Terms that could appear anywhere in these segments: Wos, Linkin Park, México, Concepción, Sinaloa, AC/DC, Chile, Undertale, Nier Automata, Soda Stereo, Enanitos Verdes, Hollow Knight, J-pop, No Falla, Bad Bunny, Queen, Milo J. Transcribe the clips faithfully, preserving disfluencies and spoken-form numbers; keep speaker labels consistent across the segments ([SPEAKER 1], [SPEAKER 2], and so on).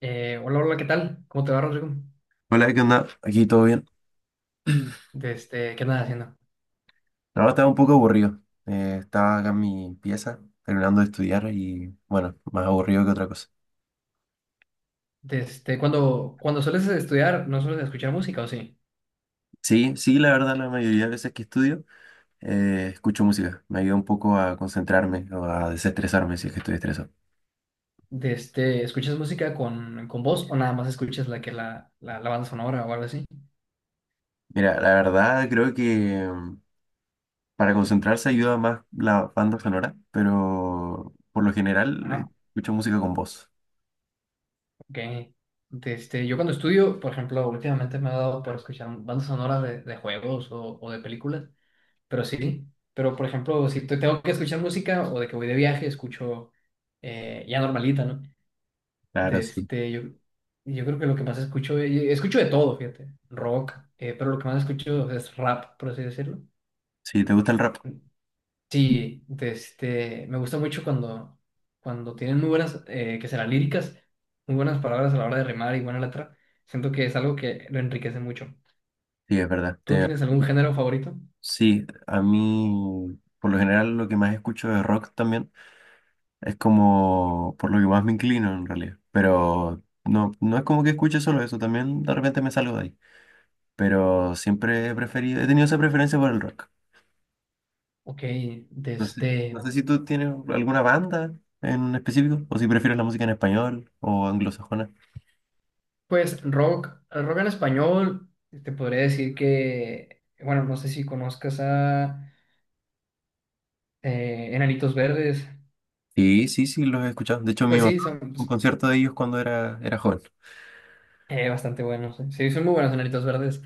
[SPEAKER 1] Eh, hola, hola, ¿qué tal? ¿Cómo te va, Rodrigo?
[SPEAKER 2] Hola, ¿qué onda? Aquí todo bien.
[SPEAKER 1] Desde, ¿qué andas haciendo?
[SPEAKER 2] Ahora estaba un poco aburrido. Eh, estaba acá en mi pieza terminando de estudiar y bueno, más aburrido que otra cosa.
[SPEAKER 1] Desde, cuando, cuando sueles estudiar, ¿no sueles escuchar música o sí?
[SPEAKER 2] Sí, sí, la verdad, la mayoría de veces que estudio, eh, escucho música. Me ayuda un poco a concentrarme o a desestresarme si es que estoy estresado.
[SPEAKER 1] Desde, ¿escuchas música con, con voz o nada más escuchas la que la, la, la banda sonora o algo así?
[SPEAKER 2] Mira, la verdad creo que mm, para concentrarse ayuda más la banda sonora, pero por lo general eh,
[SPEAKER 1] Ajá,
[SPEAKER 2] escucho música con voz.
[SPEAKER 1] ok. Desde, yo cuando estudio, por ejemplo, últimamente me ha dado por escuchar bandas sonoras de, de juegos o, o de películas, pero
[SPEAKER 2] Sí.
[SPEAKER 1] sí. Pero, por ejemplo, si te- tengo que escuchar música o de que voy de viaje, escucho eh, ya normalita, ¿no? de
[SPEAKER 2] Claro, sí.
[SPEAKER 1] este, yo, yo creo que lo que más escucho, eh, escucho de todo, fíjate, rock, eh, pero lo que más escucho es rap, por así decirlo.
[SPEAKER 2] Sí, ¿te gusta el rap?
[SPEAKER 1] Sí, de este, me gusta mucho cuando, cuando tienen muy buenas, eh, que serán líricas, muy buenas palabras a la hora de rimar y buena letra. Siento que es algo que lo enriquece mucho.
[SPEAKER 2] Sí, es verdad.
[SPEAKER 1] ¿Tú tienes algún género favorito?
[SPEAKER 2] Sí, a mí por lo general lo que más escucho de rock también es como por lo que más me inclino en realidad. Pero no, no es como que escuche solo eso, también de repente me salgo de ahí. Pero siempre he preferido, he tenido esa preferencia por el rock.
[SPEAKER 1] Ok. de
[SPEAKER 2] No sé, no
[SPEAKER 1] este,
[SPEAKER 2] sé si tú tienes alguna banda en específico o si prefieres la música en español o anglosajona.
[SPEAKER 1] pues rock, rock en español, te podría decir que, bueno, no sé si conozcas a eh, Enanitos Verdes.
[SPEAKER 2] Sí, sí, sí, los he escuchado. De hecho, mi
[SPEAKER 1] Pues
[SPEAKER 2] mamá,
[SPEAKER 1] sí, son
[SPEAKER 2] un concierto de ellos cuando era, era joven.
[SPEAKER 1] eh, bastante buenos. eh. Sí, son muy buenos Enanitos Verdes.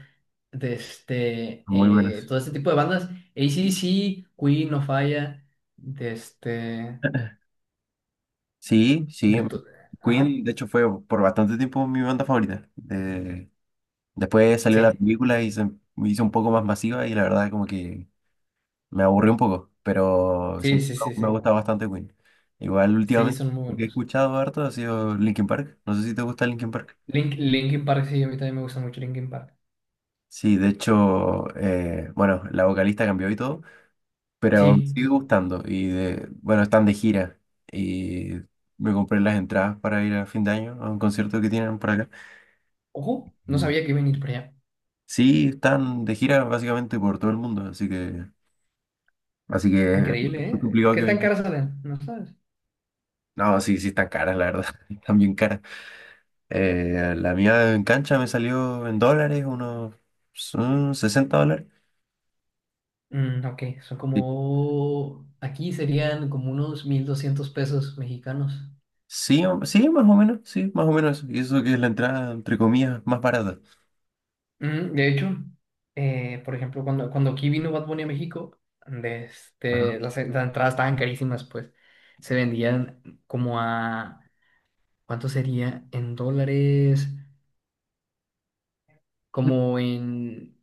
[SPEAKER 1] De este,
[SPEAKER 2] Muy
[SPEAKER 1] eh,
[SPEAKER 2] buenas.
[SPEAKER 1] todo este tipo de bandas. A C/D C, Queen, No Falla. De este.
[SPEAKER 2] Sí, sí.
[SPEAKER 1] De to- Ajá.
[SPEAKER 2] Queen, de hecho, fue por bastante tiempo mi banda favorita. De- después salió la
[SPEAKER 1] Sí.
[SPEAKER 2] película y se me hizo un poco más masiva y la verdad como que me aburrió un poco, pero
[SPEAKER 1] Sí,
[SPEAKER 2] siempre
[SPEAKER 1] sí, sí,
[SPEAKER 2] me ha
[SPEAKER 1] sí.
[SPEAKER 2] gustado bastante Queen. Igual
[SPEAKER 1] Sí,
[SPEAKER 2] últimamente
[SPEAKER 1] son muy
[SPEAKER 2] lo que he
[SPEAKER 1] buenos.
[SPEAKER 2] escuchado harto ha sido Linkin Park. No sé si te gusta Linkin Park.
[SPEAKER 1] Link, Linkin Park, sí, a mí también me gusta mucho Linkin Park.
[SPEAKER 2] Sí, de hecho, eh, bueno, la vocalista cambió y todo, pero me
[SPEAKER 1] Sí.
[SPEAKER 2] sigue gustando y de, bueno, están de gira y me compré las entradas para ir a fin de año a un concierto que tienen por acá.
[SPEAKER 1] Ojo, no sabía que iba a venir por allá.
[SPEAKER 2] Sí, están de gira básicamente por todo el mundo, así que, así que es
[SPEAKER 1] Increíble,
[SPEAKER 2] muy
[SPEAKER 1] ¿eh?
[SPEAKER 2] complicado
[SPEAKER 1] ¿Qué
[SPEAKER 2] que
[SPEAKER 1] tan
[SPEAKER 2] vendan.
[SPEAKER 1] caras salen? No sabes.
[SPEAKER 2] No, sí, sí están caras, la verdad, están bien caras. Eh, la mía en cancha me salió en dólares, unos mm, sesenta dólares.
[SPEAKER 1] Mm, ok, son
[SPEAKER 2] Sí,
[SPEAKER 1] como. Aquí serían como unos mil doscientos pesos mexicanos.
[SPEAKER 2] sí, o- sí, más o menos, sí, más o menos eso. Y eso que es la entrada, entre comillas, más barata.
[SPEAKER 1] Mm, de hecho, eh, por ejemplo, cuando, cuando aquí vino Bad Bunny a México, de
[SPEAKER 2] Ajá.
[SPEAKER 1] este, las, las entradas estaban carísimas, pues se vendían como a, ¿cuánto sería? En dólares, como en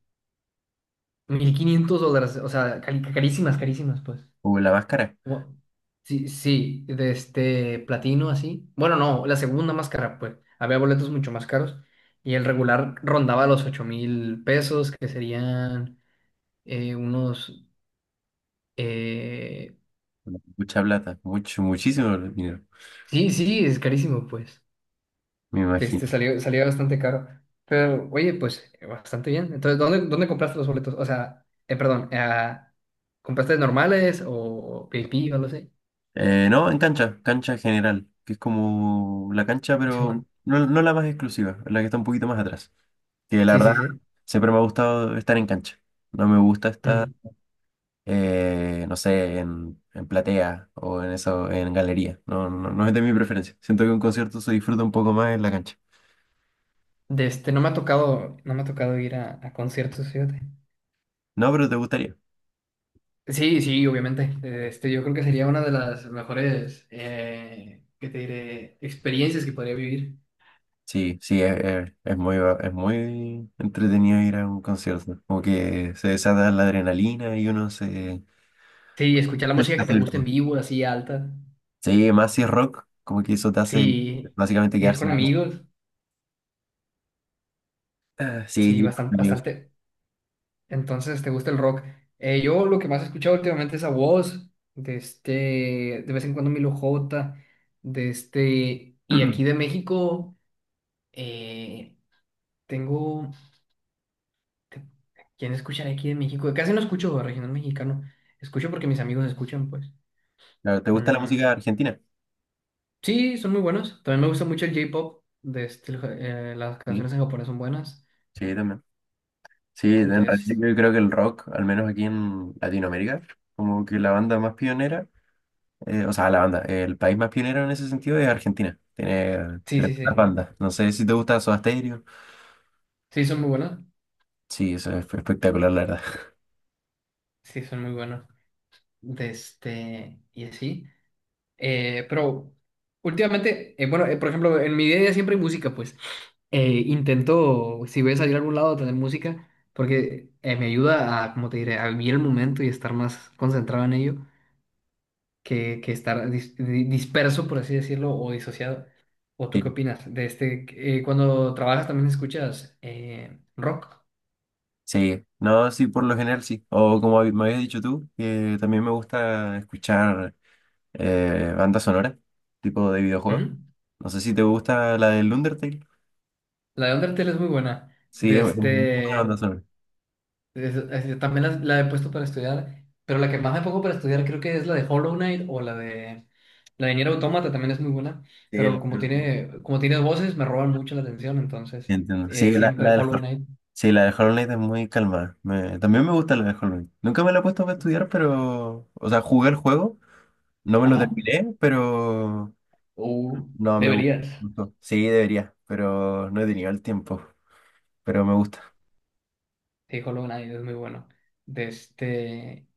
[SPEAKER 1] mil quinientos dólares, o sea, cari- carísimas, carísimas, pues.
[SPEAKER 2] O la máscara,
[SPEAKER 1] Como- sí, sí, de este platino así. Bueno, no, la segunda más cara, pues. Había boletos mucho más caros y el regular rondaba los ocho mil pesos, que serían eh, unos. Eh,
[SPEAKER 2] mucha plata, mucho, muchísimo dinero,
[SPEAKER 1] sí, sí, es carísimo, pues.
[SPEAKER 2] me
[SPEAKER 1] Este
[SPEAKER 2] imagino.
[SPEAKER 1] salió, salió bastante caro. Pero, oye, pues, eh, bastante bien. Entonces, ¿dónde, dónde compraste los boletos? O sea, eh, perdón, eh, ¿compraste normales o V I P o lo sé?
[SPEAKER 2] Eh, no, en cancha, cancha general, que es como la cancha, pero
[SPEAKER 1] Simón.
[SPEAKER 2] no, no la más exclusiva, la que está un poquito más atrás. Que la
[SPEAKER 1] Sí,
[SPEAKER 2] verdad,
[SPEAKER 1] sí, sí.
[SPEAKER 2] siempre me ha gustado estar en cancha. No me gusta estar,
[SPEAKER 1] Mm.
[SPEAKER 2] eh, no sé, en, en platea o en eso, en galería. No, no, no es de mi preferencia. Siento que un concierto se disfruta un poco más en la cancha.
[SPEAKER 1] De este, no me ha tocado, no me ha tocado ir a, a conciertos, fíjate.
[SPEAKER 2] No, pero te gustaría.
[SPEAKER 1] Sí, sí, obviamente. Eh, Este, yo creo que sería una de las mejores, eh, ¿qué te diré? Experiencias que podría vivir.
[SPEAKER 2] Sí, sí, es, es- es muy, va- es muy entretenido ir a un concierto. Como que se desata la adrenalina y uno se...
[SPEAKER 1] Sí, escuchar la
[SPEAKER 2] se
[SPEAKER 1] música que
[SPEAKER 2] hace.
[SPEAKER 1] te gusta en vivo, así alta.
[SPEAKER 2] Sí, más si es rock, como que eso te hace
[SPEAKER 1] Sí,
[SPEAKER 2] básicamente
[SPEAKER 1] ir
[SPEAKER 2] quedarse
[SPEAKER 1] con
[SPEAKER 2] en voz.
[SPEAKER 1] amigos,
[SPEAKER 2] Ah, sí,
[SPEAKER 1] sí,
[SPEAKER 2] ir
[SPEAKER 1] bastante,
[SPEAKER 2] con amigos.
[SPEAKER 1] bastante. Entonces, ¿te gusta el rock? Eh, yo lo que más he escuchado últimamente es a Wos, de este, de vez en cuando Milo J, de este, y aquí de México, eh, tengo, te- ¿quién escuchará aquí de México? Casi no escucho regional mexicano, escucho porque mis amigos escuchan, pues.
[SPEAKER 2] Claro, ¿te gusta la música
[SPEAKER 1] Mm,
[SPEAKER 2] argentina?
[SPEAKER 1] sí, son muy buenos. También me gusta mucho el J-pop, de este, el ja- eh, las
[SPEAKER 2] Sí,
[SPEAKER 1] canciones en japonés son buenas.
[SPEAKER 2] sí, también. Sí, en realidad
[SPEAKER 1] Entonces,
[SPEAKER 2] yo creo que el rock, al menos aquí en Latinoamérica, como que la banda más pionera, eh, o sea, la banda, el país más pionero en ese sentido es Argentina. Tiene
[SPEAKER 1] sí,
[SPEAKER 2] tres
[SPEAKER 1] sí, sí,
[SPEAKER 2] bandas. No sé si te gusta Soda Stereo.
[SPEAKER 1] sí, son muy buenas.
[SPEAKER 2] Sí, eso es espectacular, la verdad.
[SPEAKER 1] Sí, son muy buenos. De este, y así. Eh, pero últimamente, eh, bueno, eh, por ejemplo, en mi día a día siempre hay música, pues. Eh, intento, si voy a salir a algún lado, tener música, porque eh, me ayuda a, como te diré, a vivir el momento y estar más concentrado en ello que, que estar dis- di- disperso, por así decirlo, o disociado. ¿O tú qué
[SPEAKER 2] Sí,
[SPEAKER 1] opinas? De este, eh, cuando trabajas también escuchas eh, rock.
[SPEAKER 2] sí. No, sí, por lo general sí. O como hab- me habías dicho tú, que también me gusta escuchar eh, banda sonora, tipo de
[SPEAKER 1] Ujú.
[SPEAKER 2] videojuego. No sé si te gusta la del Undertale.
[SPEAKER 1] La de Undertale es muy buena.
[SPEAKER 2] Sí,
[SPEAKER 1] De
[SPEAKER 2] es muy buena banda
[SPEAKER 1] este.
[SPEAKER 2] sonora.
[SPEAKER 1] Es- es- también las- la, he puesto para estudiar, pero la que más me pongo para estudiar creo que es la de Hollow Knight o la de la de Nier Automata, también es muy buena,
[SPEAKER 2] Sí,
[SPEAKER 1] pero
[SPEAKER 2] el-
[SPEAKER 1] como
[SPEAKER 2] sí,
[SPEAKER 1] tiene como tiene voces me roban mucho la atención, entonces
[SPEAKER 2] entiendo. Sí,
[SPEAKER 1] eh,
[SPEAKER 2] la, la
[SPEAKER 1] siempre
[SPEAKER 2] del,
[SPEAKER 1] Hollow Knight.
[SPEAKER 2] sí, la del Hollow Knight es muy calmada. Me, también me gusta la del Hollow Knight. Nunca me la he puesto para estudiar, pero. O sea, jugué el juego, no me lo
[SPEAKER 1] Ajá.
[SPEAKER 2] terminé, pero.
[SPEAKER 1] Uh,
[SPEAKER 2] No, me gu-
[SPEAKER 1] Deberías.
[SPEAKER 2] Gustó. Sí, debería, pero no he tenido el tiempo. Pero me gusta.
[SPEAKER 1] Sí, Hollow Knight es muy bueno. De este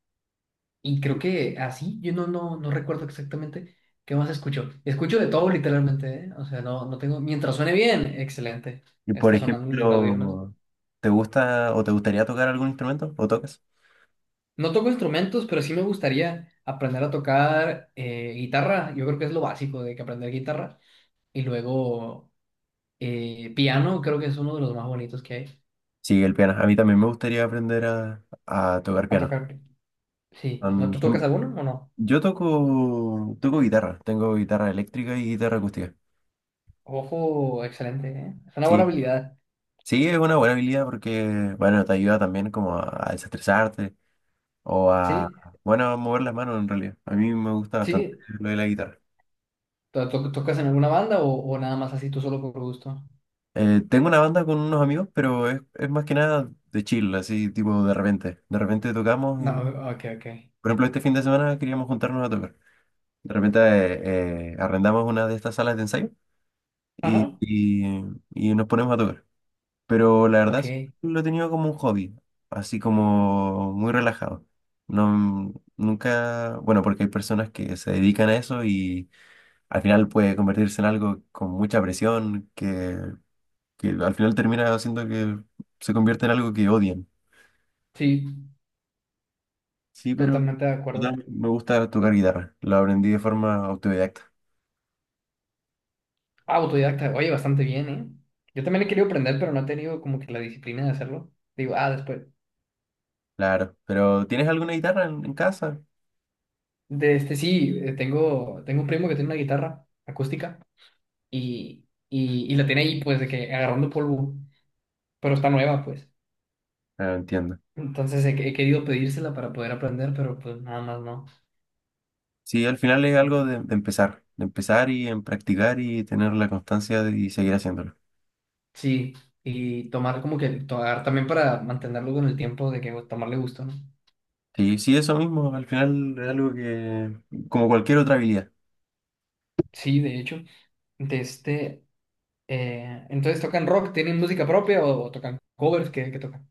[SPEAKER 1] Y creo que así, yo no no no recuerdo exactamente qué más escucho. Escucho de todo literalmente, ¿eh? O sea, no no tengo, mientras suene bien, excelente.
[SPEAKER 2] Y por
[SPEAKER 1] Está sonando en mis audífonos.
[SPEAKER 2] ejemplo, ¿te gusta o te gustaría tocar algún instrumento? ¿O tocas?
[SPEAKER 1] No toco instrumentos, pero sí me gustaría aprender a tocar eh, guitarra. Yo creo que es lo básico de que aprender guitarra. Y luego eh, piano, creo que es uno de los más bonitos que hay.
[SPEAKER 2] Sí, el piano. A mí también me gustaría aprender a, a tocar
[SPEAKER 1] A
[SPEAKER 2] piano.
[SPEAKER 1] tocar. Sí. ¿No
[SPEAKER 2] Son-
[SPEAKER 1] tú tocas
[SPEAKER 2] son-
[SPEAKER 1] alguno o no?
[SPEAKER 2] yo toco, toco guitarra. Tengo guitarra eléctrica y guitarra acústica.
[SPEAKER 1] Ojo, excelente, ¿eh? Es una buena
[SPEAKER 2] Sí,
[SPEAKER 1] habilidad.
[SPEAKER 2] sí, es una buena habilidad porque, bueno, te ayuda también como a, a desestresarte o a,
[SPEAKER 1] Sí,
[SPEAKER 2] bueno, a mover las manos en realidad. A mí me gusta bastante
[SPEAKER 1] sí.
[SPEAKER 2] lo de la guitarra.
[SPEAKER 1] ¿To- to- ¿Tocas en alguna banda o, o nada más así tú solo por gusto?
[SPEAKER 2] Eh, tengo una banda con unos amigos, pero es, es más que nada de chill, así tipo de repente. De repente tocamos,
[SPEAKER 1] No,
[SPEAKER 2] y,
[SPEAKER 1] ok, ok.
[SPEAKER 2] por ejemplo, este fin de semana queríamos juntarnos a tocar. De repente eh, eh, arrendamos una de estas salas de ensayo. y,
[SPEAKER 1] Ajá.
[SPEAKER 2] y- y nos ponemos a tocar. Pero la verdad,
[SPEAKER 1] Ok,
[SPEAKER 2] siempre lo he tenido como un hobby, así como muy relajado. No, nunca, bueno, porque hay personas que se dedican a eso y al final puede convertirse en algo con mucha presión, que, que al final termina haciendo que se convierta en algo que odian.
[SPEAKER 1] sí,
[SPEAKER 2] Sí, pero
[SPEAKER 1] totalmente de acuerdo.
[SPEAKER 2] total, me gusta tocar guitarra. Lo aprendí de forma autodidacta.
[SPEAKER 1] Ah, autodidacta. Oye, bastante bien, ¿eh? Yo también he querido aprender, pero no he tenido como que la disciplina de hacerlo. Digo, ah, después.
[SPEAKER 2] Claro, pero ¿tienes alguna guitarra en, en casa?
[SPEAKER 1] De este Sí, eh, tengo, tengo un primo que tiene una guitarra acústica y, y, y la tiene ahí, pues, de que agarrando polvo, pero está nueva, pues.
[SPEAKER 2] Ah, entiendo.
[SPEAKER 1] Entonces he, he querido pedírsela para poder aprender, pero pues nada más no.
[SPEAKER 2] Sí, al final es algo de, de empezar, de empezar y en practicar y tener la constancia de- y seguir haciéndolo.
[SPEAKER 1] Sí, y tomar como que, tomar también para mantenerlo con el tiempo, de que pues, tomarle gusto, ¿no?
[SPEAKER 2] Sí, sí, eso mismo, al final es algo que, como cualquier otra habilidad.
[SPEAKER 1] Sí, de hecho. de este... eh, entonces tocan rock, ¿tienen música propia o, o tocan covers que, que tocan?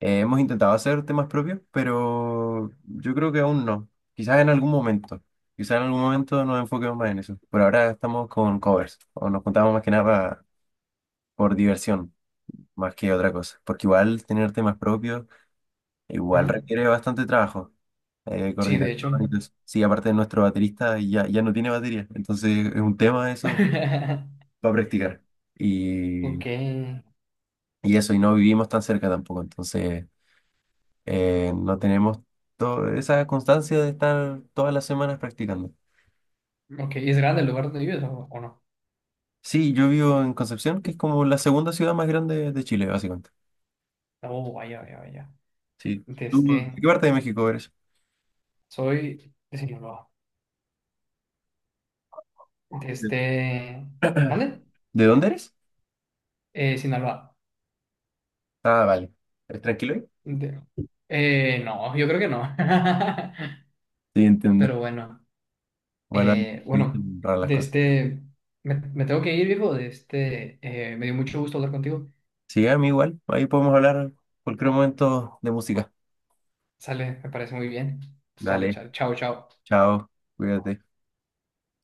[SPEAKER 2] Eh, hemos intentado hacer temas propios, pero yo creo que aún no. Quizás en algún momento, quizás en algún momento nos enfoquemos más en eso. Por ahora estamos con covers, o nos juntamos más que nada pa- por diversión, más que otra cosa. Porque igual tener temas propios,
[SPEAKER 1] Ujú.
[SPEAKER 2] igual requiere bastante trabajo. Eh,
[SPEAKER 1] Sí, de
[SPEAKER 2] coordinación
[SPEAKER 1] hecho.
[SPEAKER 2] y todo eso. Sí, aparte de nuestro baterista ya, ya no tiene batería, entonces es un tema eso para practicar.
[SPEAKER 1] Ok,
[SPEAKER 2] Y, y eso, y no vivimos tan cerca tampoco, entonces eh, no tenemos to- esa constancia de estar todas las semanas practicando.
[SPEAKER 1] ok. ¿Y es grande el lugar donde vives o, o no?
[SPEAKER 2] Sí, yo vivo en Concepción, que es como la segunda ciudad más grande de Chile, básicamente.
[SPEAKER 1] Oh, vaya, vaya, vaya.
[SPEAKER 2] Sí.
[SPEAKER 1] De
[SPEAKER 2] ¿Tú de
[SPEAKER 1] este,
[SPEAKER 2] qué parte de México eres?
[SPEAKER 1] Soy de Sinaloa. De
[SPEAKER 2] ¿De
[SPEAKER 1] este, ¿Vale?
[SPEAKER 2] ¿De dónde eres?
[SPEAKER 1] Eh, Sinaloa.
[SPEAKER 2] Ah, vale. ¿Eres tranquilo ahí?
[SPEAKER 1] De- eh, no, yo creo que no.
[SPEAKER 2] Sí, entiendo.
[SPEAKER 1] Pero bueno,
[SPEAKER 2] Bueno,
[SPEAKER 1] eh,
[SPEAKER 2] ahí te
[SPEAKER 1] bueno,
[SPEAKER 2] raras las
[SPEAKER 1] de
[SPEAKER 2] cosas.
[SPEAKER 1] este, me, me tengo que ir, viejo. De este, eh, me dio mucho gusto hablar contigo.
[SPEAKER 2] Sí, a mí igual. Ahí podemos hablar cualquier momento de música.
[SPEAKER 1] Sale, me parece muy bien. Sale,
[SPEAKER 2] Dale,
[SPEAKER 1] chao, chao, chao.
[SPEAKER 2] chao, cuídate.